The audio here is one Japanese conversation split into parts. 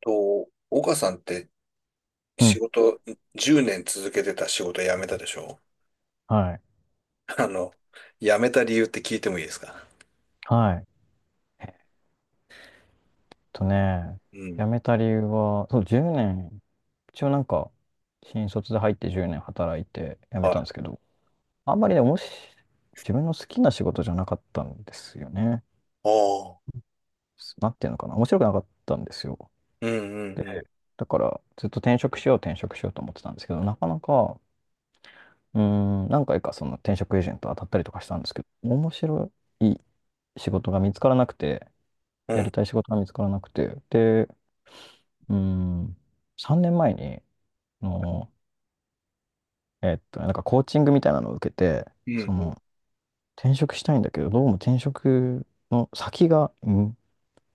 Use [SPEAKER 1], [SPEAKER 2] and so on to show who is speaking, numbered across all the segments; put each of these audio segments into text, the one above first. [SPEAKER 1] と、岡さんって
[SPEAKER 2] う
[SPEAKER 1] 仕
[SPEAKER 2] ん。
[SPEAKER 1] 事、10年続けてた仕事辞めたでしょ？
[SPEAKER 2] はい。
[SPEAKER 1] あの、辞めた理由って聞いてもいいですか？
[SPEAKER 2] はい。えっとね、
[SPEAKER 1] うん。
[SPEAKER 2] 辞めた理由は、そう、10年、一応なんか、新卒で入って10年働いて辞め
[SPEAKER 1] はい。
[SPEAKER 2] たんで
[SPEAKER 1] あ
[SPEAKER 2] すけど、あんまりね、おもし、自分の好きな仕事じゃなかったんですよね。
[SPEAKER 1] あ。
[SPEAKER 2] なんていうのかな、面白くなかったんですよ。
[SPEAKER 1] うん
[SPEAKER 2] で、
[SPEAKER 1] うん
[SPEAKER 2] だからずっと転職しよう転職しようと思ってたんですけど、なかなか、うー何回かその転職エージェント当たったりとかしたんですけど、面白い仕事が見つからなくて、
[SPEAKER 1] う
[SPEAKER 2] やり
[SPEAKER 1] ん。
[SPEAKER 2] たい仕事が見つからなくて、で、うーん、3年前に、あの、なんかコーチングみたいなのを受けて、
[SPEAKER 1] うん。うん
[SPEAKER 2] そ
[SPEAKER 1] うん。
[SPEAKER 2] の、転職したいんだけど、どうも転職の先が、うん、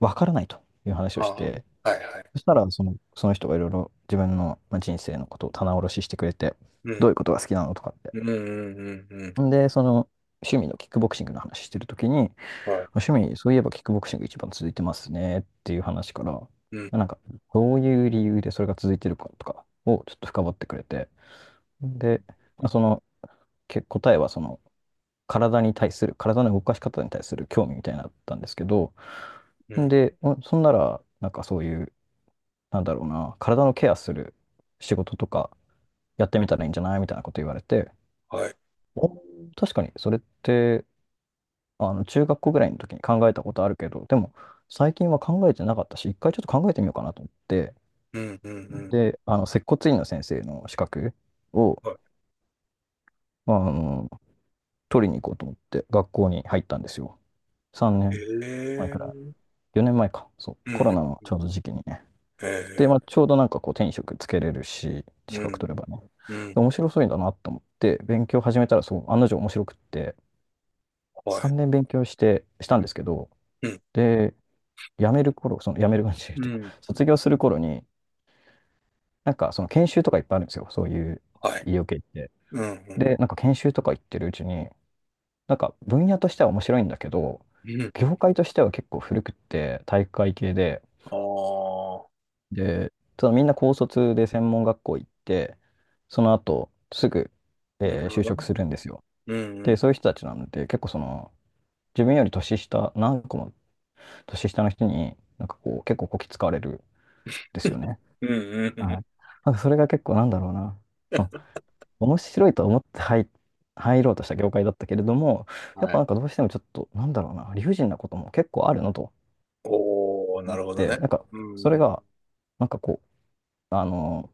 [SPEAKER 2] わからないという話を
[SPEAKER 1] あ
[SPEAKER 2] し
[SPEAKER 1] あ。
[SPEAKER 2] て、
[SPEAKER 1] はいはい。
[SPEAKER 2] そしたら、その人がいろいろ自分の、まあ、人生のことを棚卸ししてくれて、
[SPEAKER 1] う
[SPEAKER 2] ど
[SPEAKER 1] ん。
[SPEAKER 2] ういうことが好きなのとかって。
[SPEAKER 1] うんうんうんうん。
[SPEAKER 2] んで、趣味のキックボクシングの話してるときに、
[SPEAKER 1] はい。
[SPEAKER 2] 趣味、そういえばキックボクシング一番続いてますねっていう話から、
[SPEAKER 1] うん。
[SPEAKER 2] なんか、どういう理由でそれが続いてるかとかをちょっと深掘ってくれて、
[SPEAKER 1] うん
[SPEAKER 2] で、まあ答えは体に対する、体の動かし方に対する興味みたいになのだったんですけど、
[SPEAKER 1] うん。
[SPEAKER 2] で、そんなら、なんかそういう、なんだろうな、体のケアする仕事とかやってみたらいいんじゃないみたいなこと言われて、
[SPEAKER 1] はい。
[SPEAKER 2] お確かにそれって、中学校ぐらいの時に考えたことあるけど、でも、最近は考えてなかったし、一回ちょっと考えてみようかなと思って、
[SPEAKER 1] うんうんうんうん。
[SPEAKER 2] で、接骨院の先生の資格を、
[SPEAKER 1] はい。
[SPEAKER 2] まあの、取りに行こうと思って、学校に入ったんですよ。3
[SPEAKER 1] え
[SPEAKER 2] 年前
[SPEAKER 1] え。
[SPEAKER 2] く
[SPEAKER 1] う
[SPEAKER 2] らい。
[SPEAKER 1] ん
[SPEAKER 2] 4年前か。そう。
[SPEAKER 1] う
[SPEAKER 2] コロナ
[SPEAKER 1] ん
[SPEAKER 2] の
[SPEAKER 1] う
[SPEAKER 2] ち
[SPEAKER 1] ん。
[SPEAKER 2] ょうど時期にね。
[SPEAKER 1] え
[SPEAKER 2] で、ま
[SPEAKER 1] え。
[SPEAKER 2] あ、ちょうどなんかこう、手に職つけれるし、資
[SPEAKER 1] う
[SPEAKER 2] 格
[SPEAKER 1] ん。
[SPEAKER 2] 取ればね。
[SPEAKER 1] うん。
[SPEAKER 2] で面白そうだなと思って、勉強始めたら、そう、案の定面白くって、
[SPEAKER 1] はい。
[SPEAKER 2] 3年勉強した
[SPEAKER 1] う
[SPEAKER 2] んで
[SPEAKER 1] ん。
[SPEAKER 2] すけど、
[SPEAKER 1] うん。
[SPEAKER 2] で、辞める頃、辞める感じっ
[SPEAKER 1] う
[SPEAKER 2] ていうか、
[SPEAKER 1] ん。
[SPEAKER 2] 卒業する頃に、なんかその研修とかいっぱいあるんですよ。そういう
[SPEAKER 1] はい。
[SPEAKER 2] 医療系って。
[SPEAKER 1] うんうん。
[SPEAKER 2] で、なんか研修とか行ってるうちに、なんか分野としては面白いんだけど、
[SPEAKER 1] うん。
[SPEAKER 2] 業界としては結構古くって、体育会系で、
[SPEAKER 1] ああ。
[SPEAKER 2] で、ただみんな高卒で専門学校行って、その後すぐ、
[SPEAKER 1] なるほ
[SPEAKER 2] 就
[SPEAKER 1] ど。
[SPEAKER 2] 職するんですよ。
[SPEAKER 1] うんう
[SPEAKER 2] で、
[SPEAKER 1] ん。
[SPEAKER 2] そういう人たちなので、結構その、自分より年下、何個も年下の人に、なんかこう、結構こき使われるんですよね。
[SPEAKER 1] うんうんう
[SPEAKER 2] はい。
[SPEAKER 1] ん。
[SPEAKER 2] なんかそれが結構なんだろうな。うん面白いと思って入ろうとした業界だったけれども、やっ
[SPEAKER 1] は
[SPEAKER 2] ぱ
[SPEAKER 1] い。
[SPEAKER 2] なんかどうしてもちょっと、なんだろうな、理不尽なことも結構あるのと
[SPEAKER 1] おー、な
[SPEAKER 2] 思っ
[SPEAKER 1] るほど
[SPEAKER 2] て、
[SPEAKER 1] ね。
[SPEAKER 2] なんか、そ
[SPEAKER 1] う
[SPEAKER 2] れ
[SPEAKER 1] ん。
[SPEAKER 2] が、なんかこう、あの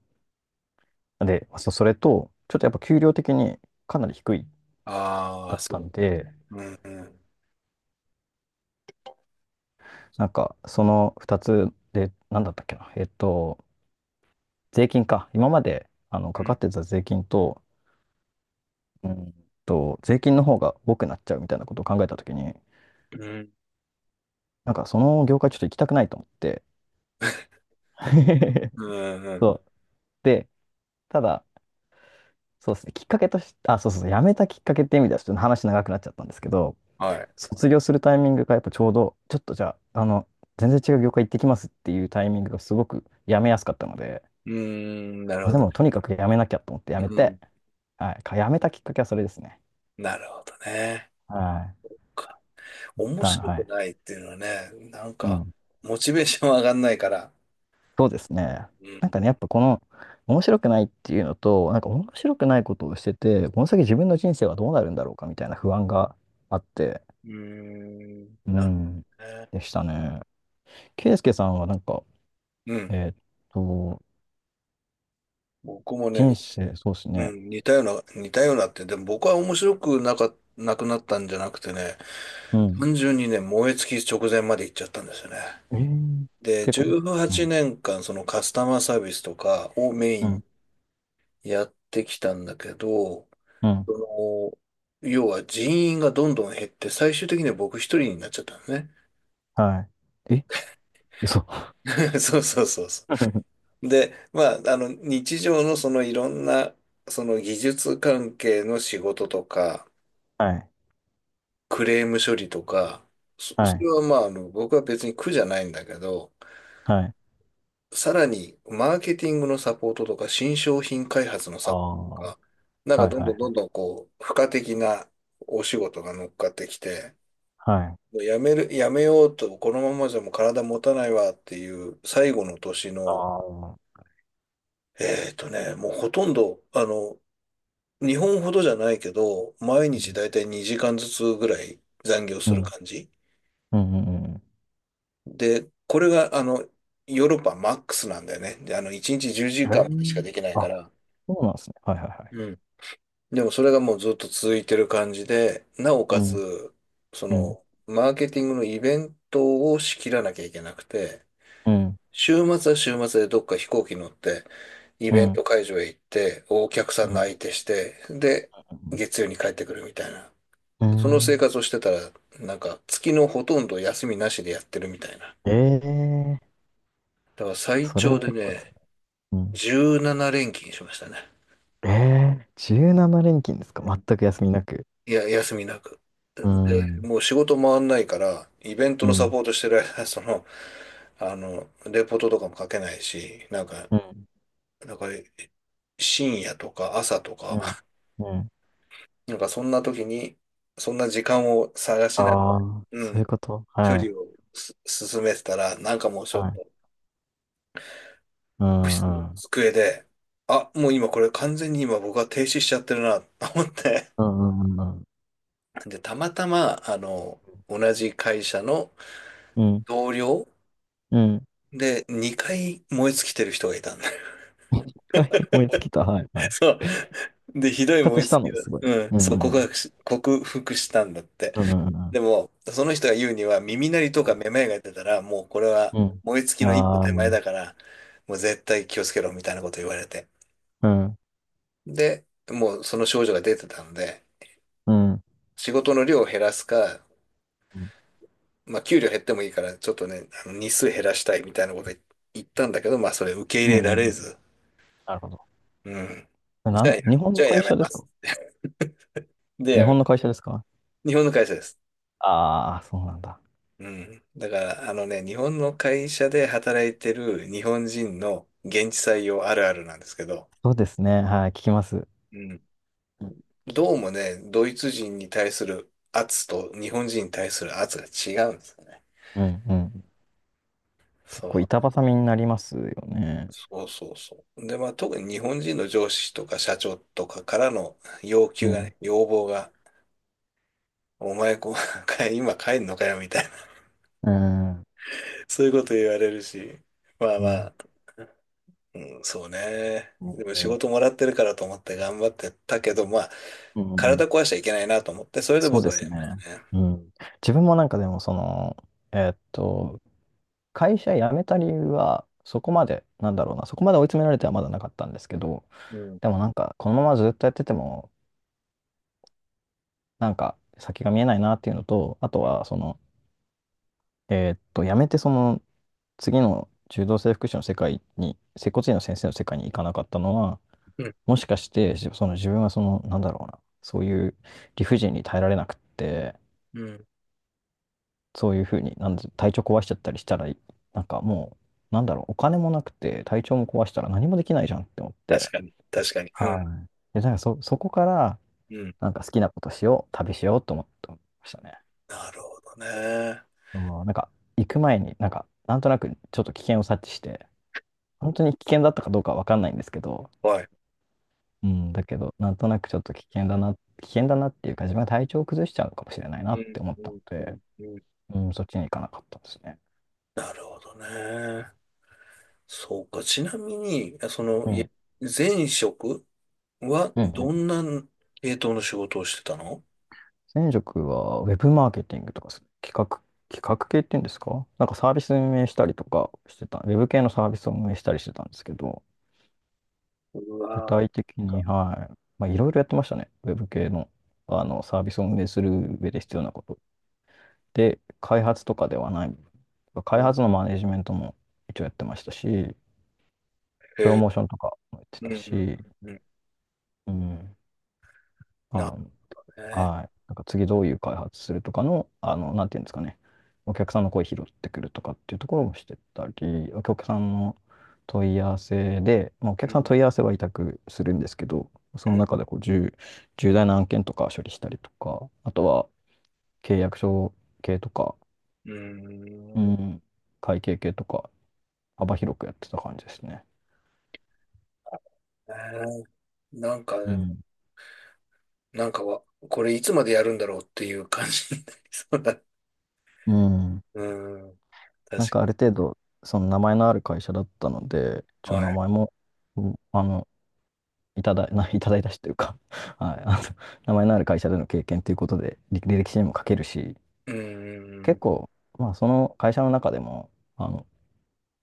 [SPEAKER 2] で、それと、ちょっとやっぱ給料的にかなり低い
[SPEAKER 1] あ
[SPEAKER 2] だ
[SPEAKER 1] あ、
[SPEAKER 2] った
[SPEAKER 1] そう。
[SPEAKER 2] んで、
[SPEAKER 1] うんうん。
[SPEAKER 2] なんかその2つで、なんだったっけな、税金か、今まで
[SPEAKER 1] う
[SPEAKER 2] かか
[SPEAKER 1] ん。
[SPEAKER 2] ってた税金と、うん税金の方が多くなっちゃうみたいなことを考えたときに、
[SPEAKER 1] うん。
[SPEAKER 2] なんかその業界ちょっと行きたくないと思って、
[SPEAKER 1] うんう
[SPEAKER 2] そ
[SPEAKER 1] ん。
[SPEAKER 2] う。で、ただ、そうですね、きっかけとして、あ、そうそうそう、辞めたきっかけって意味ではちょっと話長くなっちゃったんですけど、
[SPEAKER 1] はい。
[SPEAKER 2] 卒業するタイミングがやっぱちょうど、ちょっとじゃあ、全然違う業界行ってきますっていうタイミングがすごく辞めやすかったので、
[SPEAKER 1] うーん、なる
[SPEAKER 2] まあ、
[SPEAKER 1] ほ
[SPEAKER 2] で
[SPEAKER 1] どね。
[SPEAKER 2] もとにか
[SPEAKER 1] う
[SPEAKER 2] く辞
[SPEAKER 1] ん、
[SPEAKER 2] めなきゃと思って辞めて、はい、辞めたきっかけはそれですね。
[SPEAKER 1] なるほどね。
[SPEAKER 2] はい。
[SPEAKER 1] か面白
[SPEAKER 2] は
[SPEAKER 1] く
[SPEAKER 2] い。
[SPEAKER 1] ないっていうのはね、なん
[SPEAKER 2] う
[SPEAKER 1] か、
[SPEAKER 2] ん。
[SPEAKER 1] モチベーション上がんないから。
[SPEAKER 2] そうですね。
[SPEAKER 1] う
[SPEAKER 2] なん
[SPEAKER 1] ん。
[SPEAKER 2] かね、やっぱこの、面白くないっていうのと、なんか面白くないことをしてて、この先自分の人生はどうなるんだろうかみたいな不安があって、
[SPEAKER 1] うーん、
[SPEAKER 2] う
[SPEAKER 1] なる
[SPEAKER 2] ん、
[SPEAKER 1] ほどね。
[SPEAKER 2] でしたね。ケイスケさんはなんか、
[SPEAKER 1] うん。
[SPEAKER 2] えーっと、
[SPEAKER 1] 僕もね、
[SPEAKER 2] 人生、そうです
[SPEAKER 1] う
[SPEAKER 2] ね。
[SPEAKER 1] ん、似たような、似たようなって、でも僕は面白くなか、なくなったんじゃなくてね、
[SPEAKER 2] うん
[SPEAKER 1] 単純にね、燃え尽き直前まで行っちゃったんですよね。
[SPEAKER 2] えー、
[SPEAKER 1] で、
[SPEAKER 2] 結構、
[SPEAKER 1] 18
[SPEAKER 2] うん、
[SPEAKER 1] 年間、そのカスタマーサービスとかをメイ
[SPEAKER 2] う
[SPEAKER 1] ン
[SPEAKER 2] ん、
[SPEAKER 1] にやってきたんだけど、
[SPEAKER 2] うん、
[SPEAKER 1] その、要は人員がどんどん減って、最終的には僕一人になっちゃったのね。
[SPEAKER 2] はい。え、嘘。
[SPEAKER 1] そうそうそうそ う。で、まあ、日常のいろんな、技術関係の仕事とか、
[SPEAKER 2] はい、
[SPEAKER 1] クレーム処理とか、そ、
[SPEAKER 2] は
[SPEAKER 1] それ
[SPEAKER 2] い、
[SPEAKER 1] はまあ、僕は別に苦じゃないんだけど、
[SPEAKER 2] はい。
[SPEAKER 1] さらに、マーケティングのサポートとか、新商品開発の
[SPEAKER 2] あ
[SPEAKER 1] サポート
[SPEAKER 2] あ、
[SPEAKER 1] とか、なんか
[SPEAKER 2] はい、
[SPEAKER 1] どん
[SPEAKER 2] は
[SPEAKER 1] どん
[SPEAKER 2] い、
[SPEAKER 1] どんどんこう、付加的なお仕事が乗っかってきて、
[SPEAKER 2] はい。
[SPEAKER 1] もうやめる、やめようと、このままじゃもう体持たないわっていう最後の年
[SPEAKER 2] あ
[SPEAKER 1] の、
[SPEAKER 2] あ、
[SPEAKER 1] もうほとんど、日本ほどじゃないけど、毎
[SPEAKER 2] う
[SPEAKER 1] 日
[SPEAKER 2] ん、
[SPEAKER 1] だいたい2時間ずつぐらい残業
[SPEAKER 2] う
[SPEAKER 1] する
[SPEAKER 2] ん、
[SPEAKER 1] 感じ。
[SPEAKER 2] うん、うんうん。
[SPEAKER 1] で、これが、ヨーロッパマックスなんだよね。で、1日10
[SPEAKER 2] え
[SPEAKER 1] 時間までしかできないか
[SPEAKER 2] あ、
[SPEAKER 1] ら。
[SPEAKER 2] そうなんですね。はい、はい、はい。
[SPEAKER 1] うん。でもそれがもうずっと続いてる感じで、なお
[SPEAKER 2] う
[SPEAKER 1] か
[SPEAKER 2] ん、
[SPEAKER 1] つ、
[SPEAKER 2] うん、
[SPEAKER 1] マーケティングのイベントを仕切らなきゃいけなくて、
[SPEAKER 2] うん、
[SPEAKER 1] 週末は週末でどっか飛行機乗って、イ
[SPEAKER 2] う
[SPEAKER 1] ベン
[SPEAKER 2] ん、
[SPEAKER 1] ト会場へ行って、お客さ
[SPEAKER 2] う
[SPEAKER 1] んの
[SPEAKER 2] ん、
[SPEAKER 1] 相手して、で、
[SPEAKER 2] うん。
[SPEAKER 1] 月曜に帰ってくるみたいな。
[SPEAKER 2] ー
[SPEAKER 1] その生活をしてたら、なんか月のほとんど休みなしでやってるみたいな。
[SPEAKER 2] えー、
[SPEAKER 1] だから最
[SPEAKER 2] それ
[SPEAKER 1] 長
[SPEAKER 2] は
[SPEAKER 1] で
[SPEAKER 2] 結構辛
[SPEAKER 1] ね、
[SPEAKER 2] い。うん。
[SPEAKER 1] 17連勤しましたね。
[SPEAKER 2] ええー、17連勤ですか
[SPEAKER 1] うん。
[SPEAKER 2] 全く休みなく。
[SPEAKER 1] いや、休みなく。
[SPEAKER 2] う
[SPEAKER 1] で、
[SPEAKER 2] ん、うん、
[SPEAKER 1] もう仕事回んないから、イベント
[SPEAKER 2] う
[SPEAKER 1] のサ
[SPEAKER 2] ん、
[SPEAKER 1] ポートしてる間、レポートとかも書けないし、
[SPEAKER 2] う
[SPEAKER 1] なんか深夜とか朝とか、
[SPEAKER 2] ん、うん。
[SPEAKER 1] なんかそんな時に、そんな時間を探しながら、
[SPEAKER 2] ああ、
[SPEAKER 1] う
[SPEAKER 2] そうい
[SPEAKER 1] ん、
[SPEAKER 2] うこと。
[SPEAKER 1] 処
[SPEAKER 2] は
[SPEAKER 1] 理
[SPEAKER 2] い。
[SPEAKER 1] を進めてたら、なんかもうちょ
[SPEAKER 2] は
[SPEAKER 1] っ
[SPEAKER 2] い。
[SPEAKER 1] と、
[SPEAKER 2] う
[SPEAKER 1] オフィスの
[SPEAKER 2] ん、うん。
[SPEAKER 1] 机で、あ、もう今これ完全に今僕は停止しちゃってるな、と思って。
[SPEAKER 2] うん、うん、うん。
[SPEAKER 1] で、たまたま、同じ会社の
[SPEAKER 2] うん、
[SPEAKER 1] 同僚
[SPEAKER 2] うん。
[SPEAKER 1] で2回燃え尽きてる人がいたん。
[SPEAKER 2] はい、思いつきた。はい、はい。
[SPEAKER 1] そう。で、ひどい
[SPEAKER 2] 復活
[SPEAKER 1] 燃え
[SPEAKER 2] し
[SPEAKER 1] 尽
[SPEAKER 2] た
[SPEAKER 1] き
[SPEAKER 2] の、
[SPEAKER 1] だ。
[SPEAKER 2] すごい。
[SPEAKER 1] うん。
[SPEAKER 2] うん、う
[SPEAKER 1] そう、告
[SPEAKER 2] ん、
[SPEAKER 1] 白し、克服したんだって。
[SPEAKER 2] うん、うん。
[SPEAKER 1] でも、その人が言うには、耳鳴りとか
[SPEAKER 2] う
[SPEAKER 1] めまいが出たら、もうこれ
[SPEAKER 2] ん、
[SPEAKER 1] は
[SPEAKER 2] うん。うん
[SPEAKER 1] 燃え尽きの一歩
[SPEAKER 2] ああ
[SPEAKER 1] 手前
[SPEAKER 2] ー、
[SPEAKER 1] だから、もう絶対気をつけろみたいなこと言われて。
[SPEAKER 2] うん、
[SPEAKER 1] で、もうその症状が出てたので、
[SPEAKER 2] うん、うん、
[SPEAKER 1] 仕事の量を減らすか、
[SPEAKER 2] うん。
[SPEAKER 1] まあ、給料減ってもいいから、ちょっとね、日数減らしたいみたいなこと言ったんだけど、まあ、それ受け
[SPEAKER 2] うん
[SPEAKER 1] 入れ
[SPEAKER 2] う
[SPEAKER 1] られ
[SPEAKER 2] ん
[SPEAKER 1] ず。
[SPEAKER 2] なるほど。
[SPEAKER 1] うん。
[SPEAKER 2] な
[SPEAKER 1] じゃあ、
[SPEAKER 2] ん、日本の
[SPEAKER 1] や
[SPEAKER 2] 会
[SPEAKER 1] め
[SPEAKER 2] 社で
[SPEAKER 1] ま
[SPEAKER 2] すか？
[SPEAKER 1] す。で、
[SPEAKER 2] 日
[SPEAKER 1] やめま
[SPEAKER 2] 本の
[SPEAKER 1] す。
[SPEAKER 2] 会社ですか？
[SPEAKER 1] 日本の会社です。
[SPEAKER 2] ああー、そうなんだ。
[SPEAKER 1] うん。だから、日本の会社で働いてる日本人の現地採用あるあるなんですけど、
[SPEAKER 2] そうですね。はい、聞きます。
[SPEAKER 1] うん。
[SPEAKER 2] うん聞きま
[SPEAKER 1] どうも
[SPEAKER 2] す。
[SPEAKER 1] ね、ドイツ人に対する圧と日本人に対する圧が違うんですよね。
[SPEAKER 2] うん、うん。
[SPEAKER 1] そ
[SPEAKER 2] 結構
[SPEAKER 1] う。
[SPEAKER 2] 板挟みになりますよね。
[SPEAKER 1] そうそうそう。で、まあ特に日本人の上司とか社長とかからの
[SPEAKER 2] うん、
[SPEAKER 1] 要望が、お前こう、今帰んのかよみたいな、
[SPEAKER 2] うん、
[SPEAKER 1] そういうこと言われるし、まあ
[SPEAKER 2] う
[SPEAKER 1] ま
[SPEAKER 2] ん。
[SPEAKER 1] あ、うん、そうね。でも仕
[SPEAKER 2] ね
[SPEAKER 1] 事もらってるからと思って頑張ってたけど、まあ、
[SPEAKER 2] うんうん
[SPEAKER 1] 体壊しちゃいけないなと思って、それで
[SPEAKER 2] そう
[SPEAKER 1] 僕
[SPEAKER 2] で
[SPEAKER 1] は
[SPEAKER 2] す
[SPEAKER 1] やめ
[SPEAKER 2] ね。
[SPEAKER 1] ましたね。
[SPEAKER 2] うん。自分もなんかでも、その、えーっと、会社辞めた理由は、そこまで、なんだろうな、そこまで追い詰められてはまだなかったんですけど、
[SPEAKER 1] うん。
[SPEAKER 2] でもなんか、このままずっとやってても、なんか、先が見えないなっていうのと、あとは、その、辞めて、その、次の柔道整復師の世界に、接骨院の先生の世界に行かなかったのは、
[SPEAKER 1] うん。
[SPEAKER 2] もしかして、その自分はその、なんだろうな、そういう理不尽に耐えられなくって、
[SPEAKER 1] うん。
[SPEAKER 2] そういうふうに、なんで体調壊しちゃったりしたら、なんかもう、なんだろう、お金もなくて、体調も壊したら何もできないじゃんって思って、
[SPEAKER 1] 確かに。確かに。う
[SPEAKER 2] は
[SPEAKER 1] ん。
[SPEAKER 2] い。で、そこから、
[SPEAKER 1] うん。
[SPEAKER 2] なんか好きなことしよう、旅しようと思ってましたね。
[SPEAKER 1] なるほどね。
[SPEAKER 2] うんなんか、行く前に、なんか、なんとなくちょっと危険を察知して、本当に危険だったかどうかはわかんないんですけど、
[SPEAKER 1] はい。
[SPEAKER 2] うん、だけど、なんとなくちょっと危険だな、危険だなっていうか、自分が体調を崩しちゃうのかもしれないな
[SPEAKER 1] う
[SPEAKER 2] っ
[SPEAKER 1] ん。
[SPEAKER 2] て思っ
[SPEAKER 1] う
[SPEAKER 2] たの
[SPEAKER 1] ん。う
[SPEAKER 2] で、
[SPEAKER 1] んうん、
[SPEAKER 2] うん、そっちに行かなかったですね。
[SPEAKER 1] なるほどね。そうか。ちなみに、
[SPEAKER 2] うん。
[SPEAKER 1] 前職は
[SPEAKER 2] うんう
[SPEAKER 1] ど
[SPEAKER 2] ん
[SPEAKER 1] んな系統の仕事をしてたの？
[SPEAKER 2] 前職はウェブマーケティングとかす企画、企画系っていうんですかなんかサービス運営したりとかしてた、ウェブ系のサービスを運営したりしてたんですけど、
[SPEAKER 1] う
[SPEAKER 2] 具
[SPEAKER 1] わー、なん
[SPEAKER 2] 体的に、
[SPEAKER 1] か、
[SPEAKER 2] はい、まあ、いろいろやってましたね。ウェブ系の、あのサービスを運営する上で必要なこと。で、開発とかではない、開
[SPEAKER 1] うん。
[SPEAKER 2] 発のマネジメントも一応やってましたし、
[SPEAKER 1] え
[SPEAKER 2] プロ
[SPEAKER 1] ー、
[SPEAKER 2] モーションとかもやって
[SPEAKER 1] うん、
[SPEAKER 2] た
[SPEAKER 1] うん、
[SPEAKER 2] し、
[SPEAKER 1] うん。うん、
[SPEAKER 2] うん、あ
[SPEAKER 1] なる
[SPEAKER 2] の
[SPEAKER 1] ほどね。
[SPEAKER 2] はい。なんか次どういう開発するとかの、なんていうんですかね。お客さんの声拾ってくるとかっていうところもしてたり、お客さんの問い合わせで、まあ、お
[SPEAKER 1] う
[SPEAKER 2] 客さんの
[SPEAKER 1] ん。
[SPEAKER 2] 問い合わせは委託するんですけど、
[SPEAKER 1] う
[SPEAKER 2] その
[SPEAKER 1] ん
[SPEAKER 2] 中でこう重大な案件とか処理したりとか、あとは契約書系とか、
[SPEAKER 1] うー
[SPEAKER 2] う
[SPEAKER 1] ん。ね
[SPEAKER 2] ん、会計系とか、幅広くやってた感じですね。
[SPEAKER 1] え、なんか
[SPEAKER 2] う
[SPEAKER 1] でも、
[SPEAKER 2] ん。
[SPEAKER 1] なんかは、これいつまでやるんだろうっていう感じになりそうだ。う
[SPEAKER 2] うん。
[SPEAKER 1] ーん。
[SPEAKER 2] なん
[SPEAKER 1] 確
[SPEAKER 2] かある程度、その名前のある会社だったので、
[SPEAKER 1] か
[SPEAKER 2] 一
[SPEAKER 1] に。
[SPEAKER 2] 応名
[SPEAKER 1] はい。
[SPEAKER 2] 前も、うんいただ、いただいたしというか はい、名前のある会社での経験ということで、履
[SPEAKER 1] うん。
[SPEAKER 2] 歴書にも書けるし、
[SPEAKER 1] うんう
[SPEAKER 2] 結
[SPEAKER 1] ん
[SPEAKER 2] 構、まあ、その会社の中でも、あの、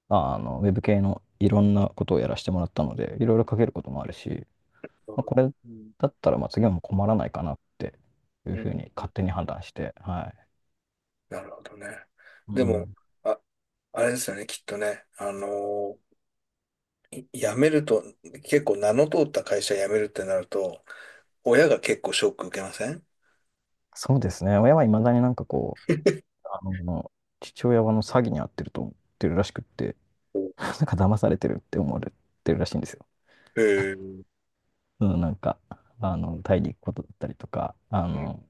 [SPEAKER 2] ウェブ系のいろんなことをやらせてもらったので、いろいろ書けることもあるし、まあ、これ
[SPEAKER 1] うん。
[SPEAKER 2] だったら、まあ、次はもう困らないかなっていう
[SPEAKER 1] う
[SPEAKER 2] ふう
[SPEAKER 1] ん、
[SPEAKER 2] に勝手に判断して、はい。
[SPEAKER 1] なるほどね。
[SPEAKER 2] う
[SPEAKER 1] でも、
[SPEAKER 2] ん。
[SPEAKER 1] あ、あれですよね、きっとね。あのーい辞めると、結構名の通った会社辞めるってなると、親が結構ショック受けません？
[SPEAKER 2] そうですね。親はいまだになんかこう、あの、父親はあの詐欺に遭ってると思ってるらしくって、
[SPEAKER 1] お
[SPEAKER 2] なんか騙されてるって思われてるらしいんですよ。
[SPEAKER 1] へえ。うん。
[SPEAKER 2] うん、なんか、タイに行くことだったりとか、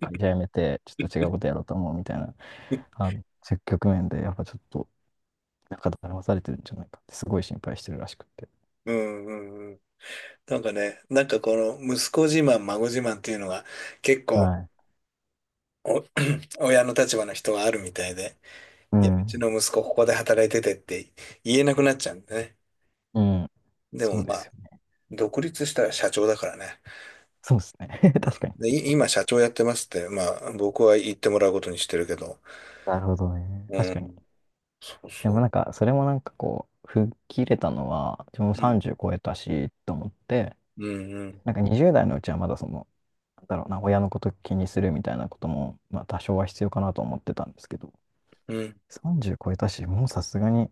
[SPEAKER 2] 会 社辞めて、ちょっと違うことやろうと思うみたいな、そういう局面で、やっぱちょっと、なんか騙されてるんじゃないかって、すごい心配してるらしくって。
[SPEAKER 1] ううん、うん。なんかね、なんかこの息子自慢、孫自慢っていうのが結構
[SPEAKER 2] はい。
[SPEAKER 1] お 親の立場の人はあるみたいで、
[SPEAKER 2] う
[SPEAKER 1] いや、うち
[SPEAKER 2] ん。
[SPEAKER 1] の息子ここで働いててって言えなくなっちゃうんでね。
[SPEAKER 2] うん。
[SPEAKER 1] で
[SPEAKER 2] そ
[SPEAKER 1] も
[SPEAKER 2] うで
[SPEAKER 1] ま
[SPEAKER 2] す
[SPEAKER 1] あ、
[SPEAKER 2] よね。
[SPEAKER 1] 独立したら社長だからね。
[SPEAKER 2] そうですね。
[SPEAKER 1] うん
[SPEAKER 2] 確かに。
[SPEAKER 1] で、今社長やってますって、まあ僕は言ってもらうことにしてるけど、
[SPEAKER 2] なるほどね。
[SPEAKER 1] う
[SPEAKER 2] 確かに。
[SPEAKER 1] ん、そう
[SPEAKER 2] でも
[SPEAKER 1] そ
[SPEAKER 2] なんか、それもなんかこう、吹っ切れたのは、自分も
[SPEAKER 1] う。うん、
[SPEAKER 2] 30超えたし、と思って、
[SPEAKER 1] うん、うん、
[SPEAKER 2] なんか20代のうちはまだその、なんだろうな、親のこと気にするみたいなことも、まあ多少は必要かなと思ってたんですけど、
[SPEAKER 1] うん。
[SPEAKER 2] 30超えたし、もうさすがに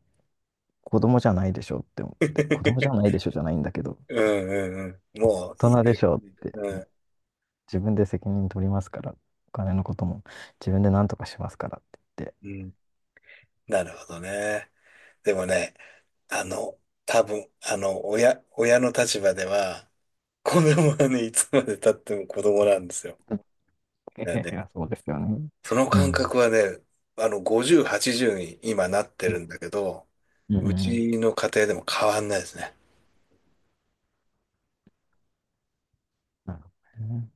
[SPEAKER 2] 子供じゃないでしょって思って、子供じゃな いでしょじゃないんだけど、
[SPEAKER 1] うんうんうん。もう
[SPEAKER 2] 大
[SPEAKER 1] いい
[SPEAKER 2] 人
[SPEAKER 1] 加
[SPEAKER 2] で
[SPEAKER 1] 減
[SPEAKER 2] しょっ
[SPEAKER 1] に、
[SPEAKER 2] て
[SPEAKER 1] うん。
[SPEAKER 2] 自分で責任取りますから、お金のことも自分で何とかしますからって
[SPEAKER 1] うん。なるほどね。でもね、あの、多分、親の立場では、子供はね、いつまで経っても子供なんですよ。
[SPEAKER 2] 言っ
[SPEAKER 1] だか
[SPEAKER 2] て、
[SPEAKER 1] ら
[SPEAKER 2] い
[SPEAKER 1] ね、
[SPEAKER 2] やそうですよね。
[SPEAKER 1] その
[SPEAKER 2] う
[SPEAKER 1] 感
[SPEAKER 2] ん。
[SPEAKER 1] 覚はね、50、80に今なって
[SPEAKER 2] う
[SPEAKER 1] るん
[SPEAKER 2] ん。
[SPEAKER 1] だけど、
[SPEAKER 2] うんう
[SPEAKER 1] う
[SPEAKER 2] ん
[SPEAKER 1] ちの家庭でも変わんないですね。
[SPEAKER 2] なるほどね。